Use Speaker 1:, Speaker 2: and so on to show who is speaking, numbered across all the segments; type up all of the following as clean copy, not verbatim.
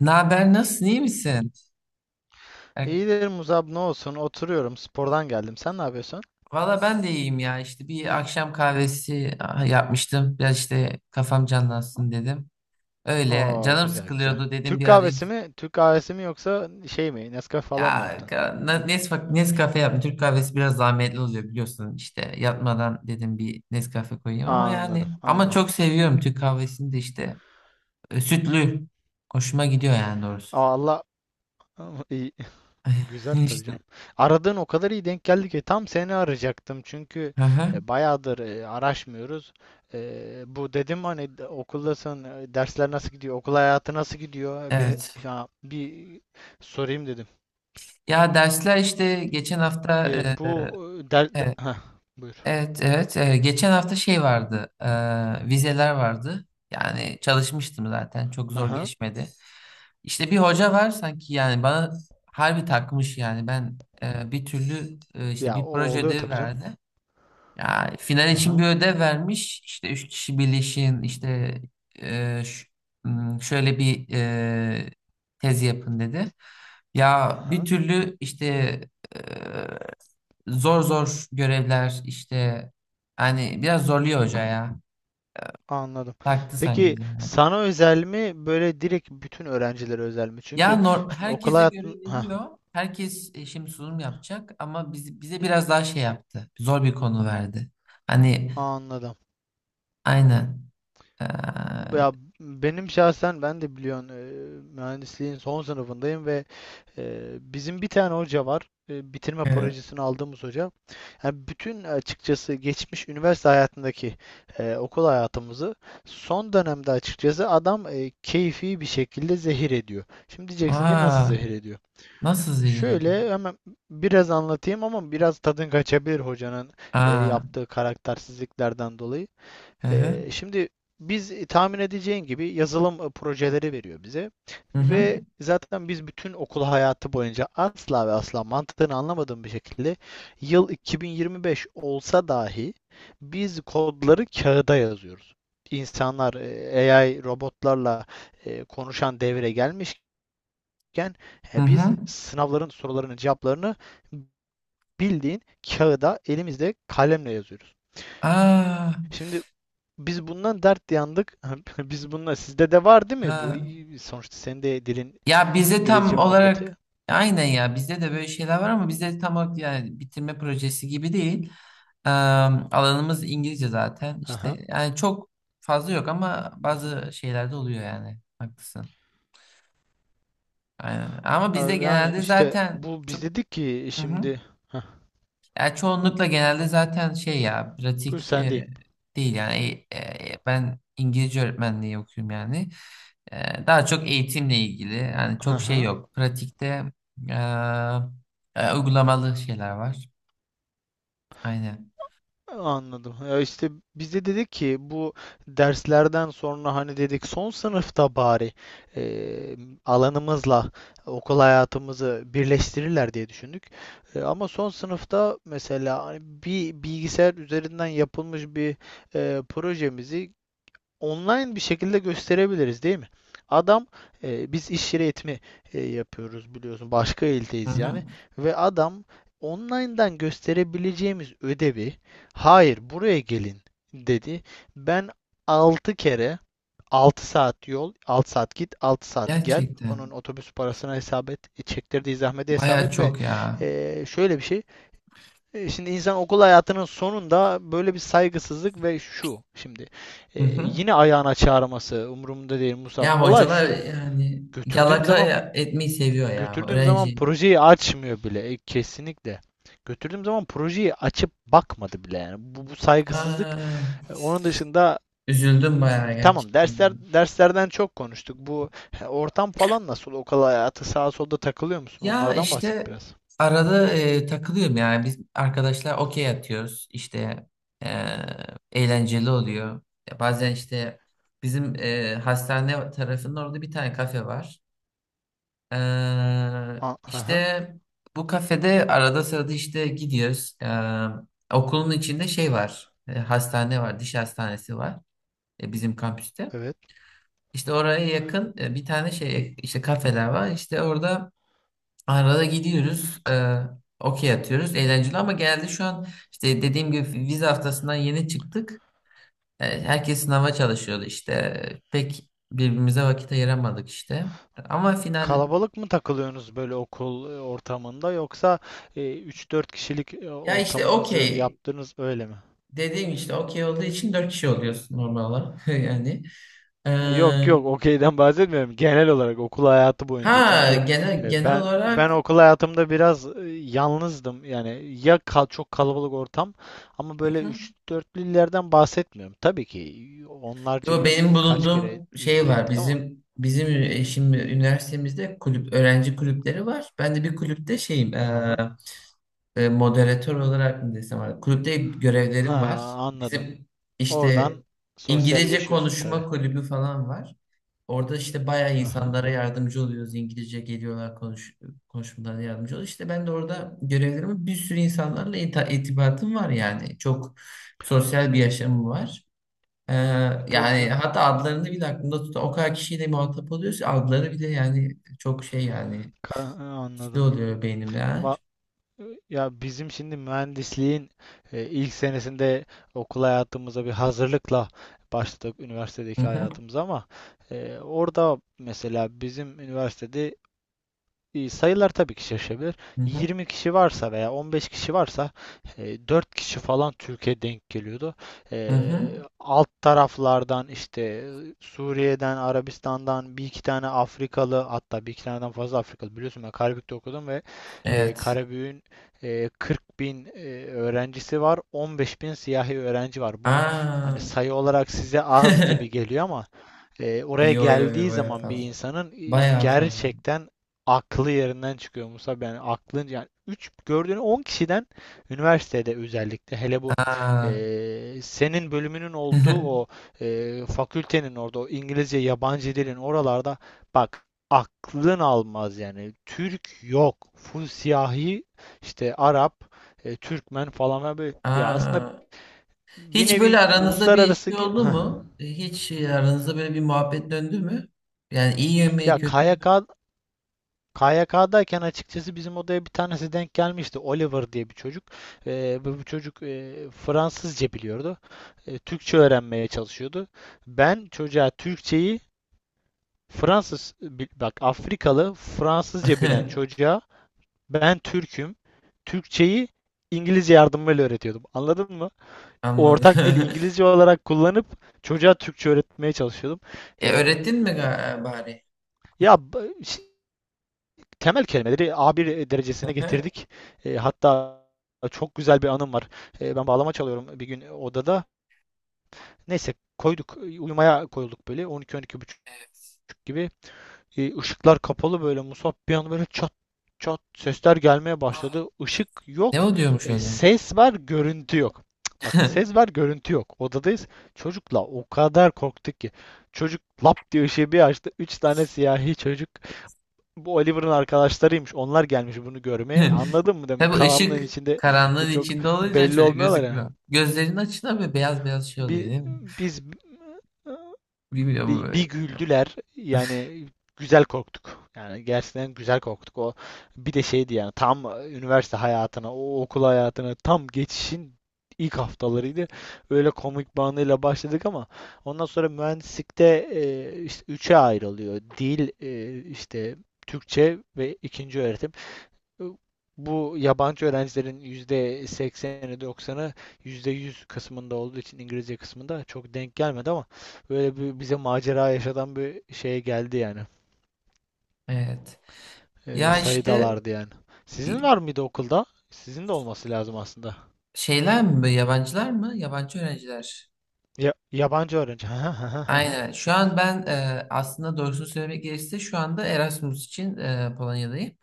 Speaker 1: Ne haber? Nasılsın? İyi misin? E,
Speaker 2: İyidir Muzab, ne olsun, oturuyorum, spordan geldim, sen ne yapıyorsun?
Speaker 1: Valla ben de iyiyim ya. İşte bir akşam kahvesi yapmıştım. Biraz işte kafam canlansın dedim. Öyle.
Speaker 2: Oo,
Speaker 1: Canım
Speaker 2: güzel güzel.
Speaker 1: sıkılıyordu dedim
Speaker 2: Türk
Speaker 1: bir arayayım.
Speaker 2: kahvesi mi? Türk kahvesi mi yoksa şey mi? Nescafe falan mı
Speaker 1: Ya
Speaker 2: yaptın?
Speaker 1: Nescafe yaptım. Türk kahvesi biraz zahmetli oluyor biliyorsun. İşte yatmadan dedim bir Nescafe koyayım ama
Speaker 2: Aa, anladım
Speaker 1: yani ama
Speaker 2: anladım.
Speaker 1: çok seviyorum Türk kahvesini de işte. Sütlü. Hoşuma gidiyor yani doğrusu.
Speaker 2: Aa, Allah! iyi. Güzel tabii
Speaker 1: İşte.
Speaker 2: canım. Aradığın o kadar iyi denk geldi ki tam seni arayacaktım, çünkü
Speaker 1: Hı hı.
Speaker 2: bayağıdır araşmıyoruz. Bu dedim hani, okuldasın, dersler nasıl gidiyor, okul hayatı nasıl gidiyor.
Speaker 1: Evet.
Speaker 2: Bir sorayım dedim.
Speaker 1: Ya dersler işte geçen hafta
Speaker 2: E,
Speaker 1: e,
Speaker 2: bu e, der, de-
Speaker 1: e,
Speaker 2: Heh, Buyur.
Speaker 1: Evet, evet. Geçen hafta şey vardı, vizeler vardı. Yani çalışmıştım zaten, çok zor
Speaker 2: Aha.
Speaker 1: geçmedi. İşte bir hoca var sanki yani bana harbi takmış yani ben bir türlü işte
Speaker 2: Ya, o
Speaker 1: bir proje
Speaker 2: oluyor
Speaker 1: ödevi
Speaker 2: tabii canım.
Speaker 1: verdi. Ya final için bir
Speaker 2: Aha,
Speaker 1: ödev vermiş. İşte 3 kişi birleşin, işte e, ş- şöyle bir tez yapın dedi. Ya bir
Speaker 2: aha.
Speaker 1: türlü işte e, zor zor görevler işte hani biraz zorluyor hoca ya.
Speaker 2: Anladım.
Speaker 1: Baktı sanki
Speaker 2: Peki
Speaker 1: bize.
Speaker 2: sana özel mi böyle, direkt bütün öğrencilere özel mi?
Speaker 1: Ya
Speaker 2: Çünkü şimdi okul
Speaker 1: herkese göre
Speaker 2: hayatın, ha,
Speaker 1: veriyor. Herkes şimdi sunum yapacak ama bize biraz daha şey yaptı. Zor bir konu verdi. Hani
Speaker 2: anladım.
Speaker 1: aynen.
Speaker 2: Ya, benim şahsen, ben de biliyorsun, mühendisliğin son sınıfındayım ve bizim bir tane hoca var. Bitirme
Speaker 1: Ee,
Speaker 2: projesini aldığımız hoca. Yani bütün, açıkçası, geçmiş üniversite hayatındaki okul hayatımızı son dönemde açıkçası adam keyfi bir şekilde zehir ediyor. Şimdi diyeceksin ki nasıl
Speaker 1: Aa,
Speaker 2: zehir ediyor?
Speaker 1: nasıl zehir ediyor?
Speaker 2: Şöyle hemen biraz anlatayım, ama biraz tadın kaçabilir hocanın
Speaker 1: Aa,
Speaker 2: yaptığı karaktersizliklerden dolayı.
Speaker 1: hı hı,
Speaker 2: Şimdi biz, tahmin edeceğin gibi, yazılım projeleri veriyor bize
Speaker 1: hı hı,
Speaker 2: ve zaten biz bütün okul hayatı boyunca, asla ve asla mantığını anlamadığım bir şekilde, yıl 2025 olsa dahi biz kodları kağıda yazıyoruz. İnsanlar AI robotlarla konuşan devre gelmişken
Speaker 1: hı
Speaker 2: biz
Speaker 1: hı.
Speaker 2: sınavların sorularının cevaplarını bildiğin kağıda elimizde kalemle yazıyoruz.
Speaker 1: Aa,
Speaker 2: Şimdi biz bundan dert yandık. Biz bununla, sizde de var değil mi bu?
Speaker 1: ha.
Speaker 2: Sonuçta senin de dilin
Speaker 1: Ya bizde
Speaker 2: İngilizce
Speaker 1: tam olarak
Speaker 2: muhabbeti.
Speaker 1: aynen ya bizde de böyle şeyler var ama bizde tam olarak yani bitirme projesi gibi değil. Eee, alanımız İngilizce zaten
Speaker 2: Aha.
Speaker 1: işte yani çok fazla yok ama
Speaker 2: Hı hı.
Speaker 1: bazı şeylerde oluyor yani haklısın. Aynen. Ama bizde
Speaker 2: Yani
Speaker 1: genelde
Speaker 2: işte,
Speaker 1: zaten
Speaker 2: bu biz
Speaker 1: çok.
Speaker 2: dedik ki
Speaker 1: Hı hı.
Speaker 2: şimdi... Heh,
Speaker 1: Ya çoğunlukla genelde zaten şey ya
Speaker 2: buyur,
Speaker 1: pratik
Speaker 2: sendeyim.
Speaker 1: değil yani. Ben İngilizce öğretmenliği okuyorum yani. Daha çok eğitimle ilgili yani çok şey
Speaker 2: Aha.
Speaker 1: yok. Pratikte e, uygulamalı şeyler var. Aynen.
Speaker 2: Anladım. Ya, işte biz de dedik ki, bu derslerden sonra hani dedik son sınıfta bari e, alanımızla okul hayatımızı birleştirirler diye düşündük. Ama son sınıfta mesela, hani bir bilgisayar üzerinden yapılmış bir projemizi online bir şekilde gösterebiliriz değil mi? Adam... Biz iş yeri eğitimi yapıyoruz biliyorsun. Başka
Speaker 1: Hı
Speaker 2: ildeyiz
Speaker 1: hı.
Speaker 2: yani. Ve adam online'dan gösterebileceğimiz ödevi, hayır buraya gelin dedi. Ben 6 kere 6 saat yol, 6 saat git, 6 saat gel. Onun
Speaker 1: Gerçekten
Speaker 2: otobüs parasına hesap et, çektirdiği zahmete hesap
Speaker 1: baya
Speaker 2: et ve
Speaker 1: çok ya.
Speaker 2: şöyle bir şey, şimdi insan okul hayatının sonunda böyle bir saygısızlık ve şu şimdi
Speaker 1: Hı hı.
Speaker 2: yine ayağına çağırması umurumda değil Musab.
Speaker 1: Ya
Speaker 2: Olay
Speaker 1: hocalar
Speaker 2: şu.
Speaker 1: yani
Speaker 2: Götürdüğüm
Speaker 1: yalaka
Speaker 2: zaman
Speaker 1: etmeyi seviyor ya
Speaker 2: götürdüğüm zaman
Speaker 1: öğrenci.
Speaker 2: projeyi açmıyor bile, kesinlikle. Götürdüğüm zaman projeyi açıp bakmadı bile yani. Bu saygısızlık.
Speaker 1: Aa,
Speaker 2: Onun dışında,
Speaker 1: üzüldüm bayağı
Speaker 2: tamam, dersler,
Speaker 1: gerçekten.
Speaker 2: derslerden çok konuştuk. Bu ortam falan nasıl? Okul hayatı, sağa solda takılıyor musun?
Speaker 1: Ya
Speaker 2: Onlardan bahset
Speaker 1: işte
Speaker 2: biraz.
Speaker 1: arada takılıyorum yani biz arkadaşlar okey atıyoruz işte, e,
Speaker 2: Hı hı.
Speaker 1: eğlenceli oluyor. Ya bazen işte bizim hastane tarafının orada bir tane kafe var. E,
Speaker 2: Aha,
Speaker 1: işte bu kafede arada sırada işte gidiyoruz. Okulun içinde şey var, hastane var, diş hastanesi var, bizim kampüste.
Speaker 2: evet.
Speaker 1: İşte oraya yakın bir tane şey işte kafeler var işte orada. Arada gidiyoruz, okey atıyoruz. Eğlenceli ama geldi şu an, işte dediğim gibi vize haftasından yeni çıktık. Herkes sınava çalışıyordu işte. Pek birbirimize vakit ayıramadık işte. Ama final,
Speaker 2: Kalabalık mı takılıyorsunuz böyle okul ortamında, yoksa 3-4 kişilik
Speaker 1: ya işte
Speaker 2: ortamınızı
Speaker 1: okey
Speaker 2: yaptınız öyle mi?
Speaker 1: dediğim, işte okey olduğu için 4 kişi oluyorsun normal olarak yani. E,
Speaker 2: Yok yok, okeyden bahsetmiyorum. Genel olarak okul hayatı boyunca.
Speaker 1: ha
Speaker 2: Çünkü
Speaker 1: genel genel
Speaker 2: ben
Speaker 1: olarak.
Speaker 2: okul hayatımda biraz yalnızdım. Yani ya, çok kalabalık ortam, ama böyle 3-4'lülerden bahsetmiyorum. Tabii ki onlarca
Speaker 1: Yo benim
Speaker 2: kaç kere
Speaker 1: bulunduğum
Speaker 2: yüz
Speaker 1: şey
Speaker 2: bire
Speaker 1: var.
Speaker 2: gittik ama.
Speaker 1: Şimdi üniversitemizde kulüp öğrenci kulüpleri var. Ben de bir kulüpte şeyim,
Speaker 2: Aha.
Speaker 1: moderatör olarak mı desem artık, kulüpte
Speaker 2: Ha,
Speaker 1: görevlerim var.
Speaker 2: anladım.
Speaker 1: Bizim işte
Speaker 2: Oradan
Speaker 1: İngilizce
Speaker 2: sosyalleşiyorsun tabii.
Speaker 1: konuşma kulübü falan var. Orada işte bayağı
Speaker 2: Aha.
Speaker 1: insanlara yardımcı oluyoruz. İngilizce geliyorlar, konuşmalarına yardımcı oluyoruz. İşte ben de orada görevlerimi, bir sürü insanlarla irtibatım var yani. Çok sosyal bir yaşamım var. Ee,
Speaker 2: Tabii
Speaker 1: yani
Speaker 2: canım.
Speaker 1: hatta adlarını bile aklımda tutan o kadar kişiyle muhatap oluyoruz ki, adları bile yani çok şey yani hızlı
Speaker 2: Anladım.
Speaker 1: oluyor beynimde. Ha.
Speaker 2: Va- Ya, bizim şimdi mühendisliğin ilk senesinde okul hayatımıza bir hazırlıkla başladık
Speaker 1: Hı
Speaker 2: üniversitedeki
Speaker 1: hı,
Speaker 2: hayatımıza, ama orada mesela bizim üniversitede sayılar tabii ki şaşabilir.
Speaker 1: hı hı,
Speaker 2: 20 kişi varsa veya 15 kişi varsa, 4 kişi falan Türkiye denk geliyordu.
Speaker 1: hı
Speaker 2: E,
Speaker 1: hı.
Speaker 2: Alt taraflardan işte, Suriye'den, Arabistan'dan bir iki tane Afrikalı, hatta bir iki taneden fazla Afrikalı. Biliyorsun, ben Karabük'te okudum ve
Speaker 1: Evet.
Speaker 2: Karabük'ün 40 bin öğrencisi var, 15 bin siyahi öğrenci var. Bu
Speaker 1: Aa.
Speaker 2: hani sayı olarak size az gibi geliyor ama oraya
Speaker 1: Yo, yo, yo,
Speaker 2: geldiği
Speaker 1: baya
Speaker 2: zaman bir
Speaker 1: fazla.
Speaker 2: insanın
Speaker 1: Baya fazla.
Speaker 2: gerçekten aklı yerinden çıkıyor Musab. Yani aklın, yani 3 gördüğünü 10 kişiden, üniversitede özellikle hele bu
Speaker 1: Aa.
Speaker 2: senin bölümünün olduğu o fakültenin orada, o İngilizce yabancı dilin oralarda, bak aklın almaz yani. Türk yok. Full siyahi işte, Arap, Türkmen falan böyle. Ya, aslında
Speaker 1: Aa.
Speaker 2: bir
Speaker 1: Hiç böyle
Speaker 2: nevi
Speaker 1: aranızda bir
Speaker 2: uluslararası.
Speaker 1: şey oldu mu? Hiç aranızda böyle bir muhabbet döndü mü? Yani iyi
Speaker 2: Ya,
Speaker 1: yemeği kötü mü?
Speaker 2: KYK'dayken açıkçası bizim odaya bir tanesi denk gelmişti. Oliver diye bir çocuk. Bu çocuk Fransızca biliyordu. Türkçe öğrenmeye çalışıyordu. Ben çocuğa Türkçeyi, bak, Afrikalı Fransızca bilen çocuğa ben Türk'üm. Türkçeyi İngilizce yardımıyla öğretiyordum. Anladın mı?
Speaker 1: Anladım.
Speaker 2: Ortak dil İngilizce olarak kullanıp çocuğa Türkçe öğretmeye çalışıyordum. Ee,
Speaker 1: E,
Speaker 2: e,
Speaker 1: öğrettin mi bari?
Speaker 2: ya b- Temel kelimeleri a bir derecesine
Speaker 1: Hı hı.
Speaker 2: getirdik. Hatta çok güzel bir anım var. Ben bağlama çalıyorum bir gün odada. Neyse, koyduk, uyumaya koyulduk böyle 12-12 buçuk
Speaker 1: Evet.
Speaker 2: gibi. Işıklar kapalı böyle Musab, bir an böyle çat çat sesler gelmeye başladı. Işık
Speaker 1: Ne
Speaker 2: yok,
Speaker 1: o diyormuş öyle?
Speaker 2: ses var, görüntü yok. Bak ses var, görüntü yok. Odadayız. Çocukla o kadar korktuk ki. Çocuk lap diye ışığı bir açtı. Üç tane siyahi çocuk, bu Oliver'ın arkadaşlarıymış. Onlar gelmiş bunu görmeye. Anladın mı demek?
Speaker 1: Tabii
Speaker 2: Karanlığın
Speaker 1: ışık
Speaker 2: içinde
Speaker 1: karanlığın
Speaker 2: çok
Speaker 1: içinde olunca
Speaker 2: belli
Speaker 1: çocuk
Speaker 2: olmuyorlar ya.
Speaker 1: gözükmüyor. Gözlerinin açına böyle beyaz beyaz şey oluyor
Speaker 2: Bir,
Speaker 1: değil mi?
Speaker 2: biz
Speaker 1: Bilmiyorum
Speaker 2: bir,
Speaker 1: böyle.
Speaker 2: bir Güldüler. Yani güzel korktuk. Yani gerçekten güzel korktuk. O bir de şeydi yani, tam üniversite hayatına, o okul hayatına tam geçişin ilk haftalarıydı. Öyle komik bir başladık, ama ondan sonra mühendislikte işte üçe ayrılıyor. Dil, işte Türkçe ve ikinci öğretim. Bu yabancı öğrencilerin %80'i, doksanı, %100 kısmında olduğu için İngilizce kısmında çok denk gelmedi, ama böyle bir bize macera yaşatan bir şeye geldi yani.
Speaker 1: Evet. Ya işte
Speaker 2: Sayıdalardı yani. Sizin
Speaker 1: i-
Speaker 2: var mıydı okulda? Sizin de olması lazım aslında.
Speaker 1: şeyler mi böyle, yabancılar mı? Yabancı öğrenciler.
Speaker 2: Ya, yabancı öğrenci. Hı
Speaker 1: Aynen. Şu an ben, aslında doğrusunu söylemek gerekirse, şu anda Erasmus için Polonya'dayım.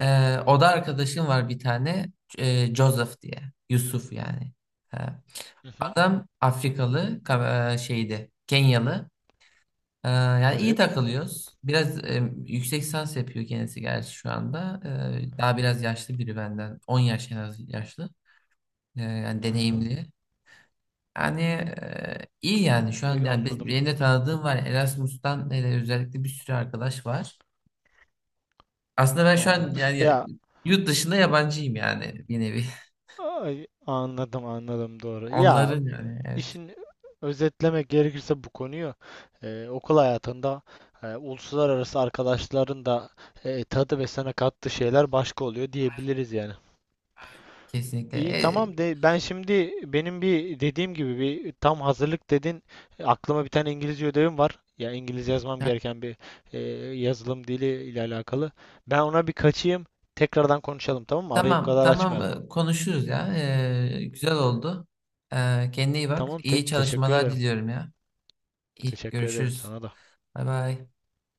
Speaker 1: Oda arkadaşım var bir tane. Joseph diye. Yusuf yani. E,
Speaker 2: hı.
Speaker 1: adam Afrikalı, şeydi. Kenyalı. Yani iyi
Speaker 2: Evet.
Speaker 1: takılıyoruz. Biraz yüksek lisans yapıyor kendisi gerçi şu anda. Daha biraz yaşlı biri benden. 10 yaş en az yaşlı. Yani
Speaker 2: Aha.
Speaker 1: deneyimli. Yani iyi yani şu an yani,
Speaker 2: Anladım.
Speaker 1: benim de tanıdığım var. Erasmus'tan hele özellikle bir sürü arkadaş var. Aslında ben şu
Speaker 2: Anladım.
Speaker 1: an yani,
Speaker 2: Ya,
Speaker 1: yurt dışında yabancıyım yani bir nevi.
Speaker 2: Ay, anladım anladım, doğru. Ya,
Speaker 1: Onların yani, evet.
Speaker 2: işin özetlemek gerekirse bu konuyu, okul hayatında uluslararası arkadaşların da tadı ve sana kattığı şeyler başka oluyor diyebiliriz yani.
Speaker 1: Kesinlikle.
Speaker 2: İyi tamam de, ben şimdi benim bir dediğim gibi bir tam hazırlık dedin, aklıma bir tane İngilizce ödevim var. Ya, İngilizce yazmam gereken bir e, yazılım dili ile alakalı. Ben ona bir kaçayım. Tekrardan konuşalım tamam mı? Arayı bu
Speaker 1: Tamam,
Speaker 2: kadar
Speaker 1: tamam,
Speaker 2: açmayalım.
Speaker 1: konuşuruz ya. Güzel oldu. Kendine iyi bak.
Speaker 2: Tamam,
Speaker 1: İyi
Speaker 2: teşekkür
Speaker 1: çalışmalar
Speaker 2: ederim.
Speaker 1: diliyorum ya. İyi,
Speaker 2: Teşekkür ederim
Speaker 1: görüşürüz.
Speaker 2: sana da.
Speaker 1: Bay bay.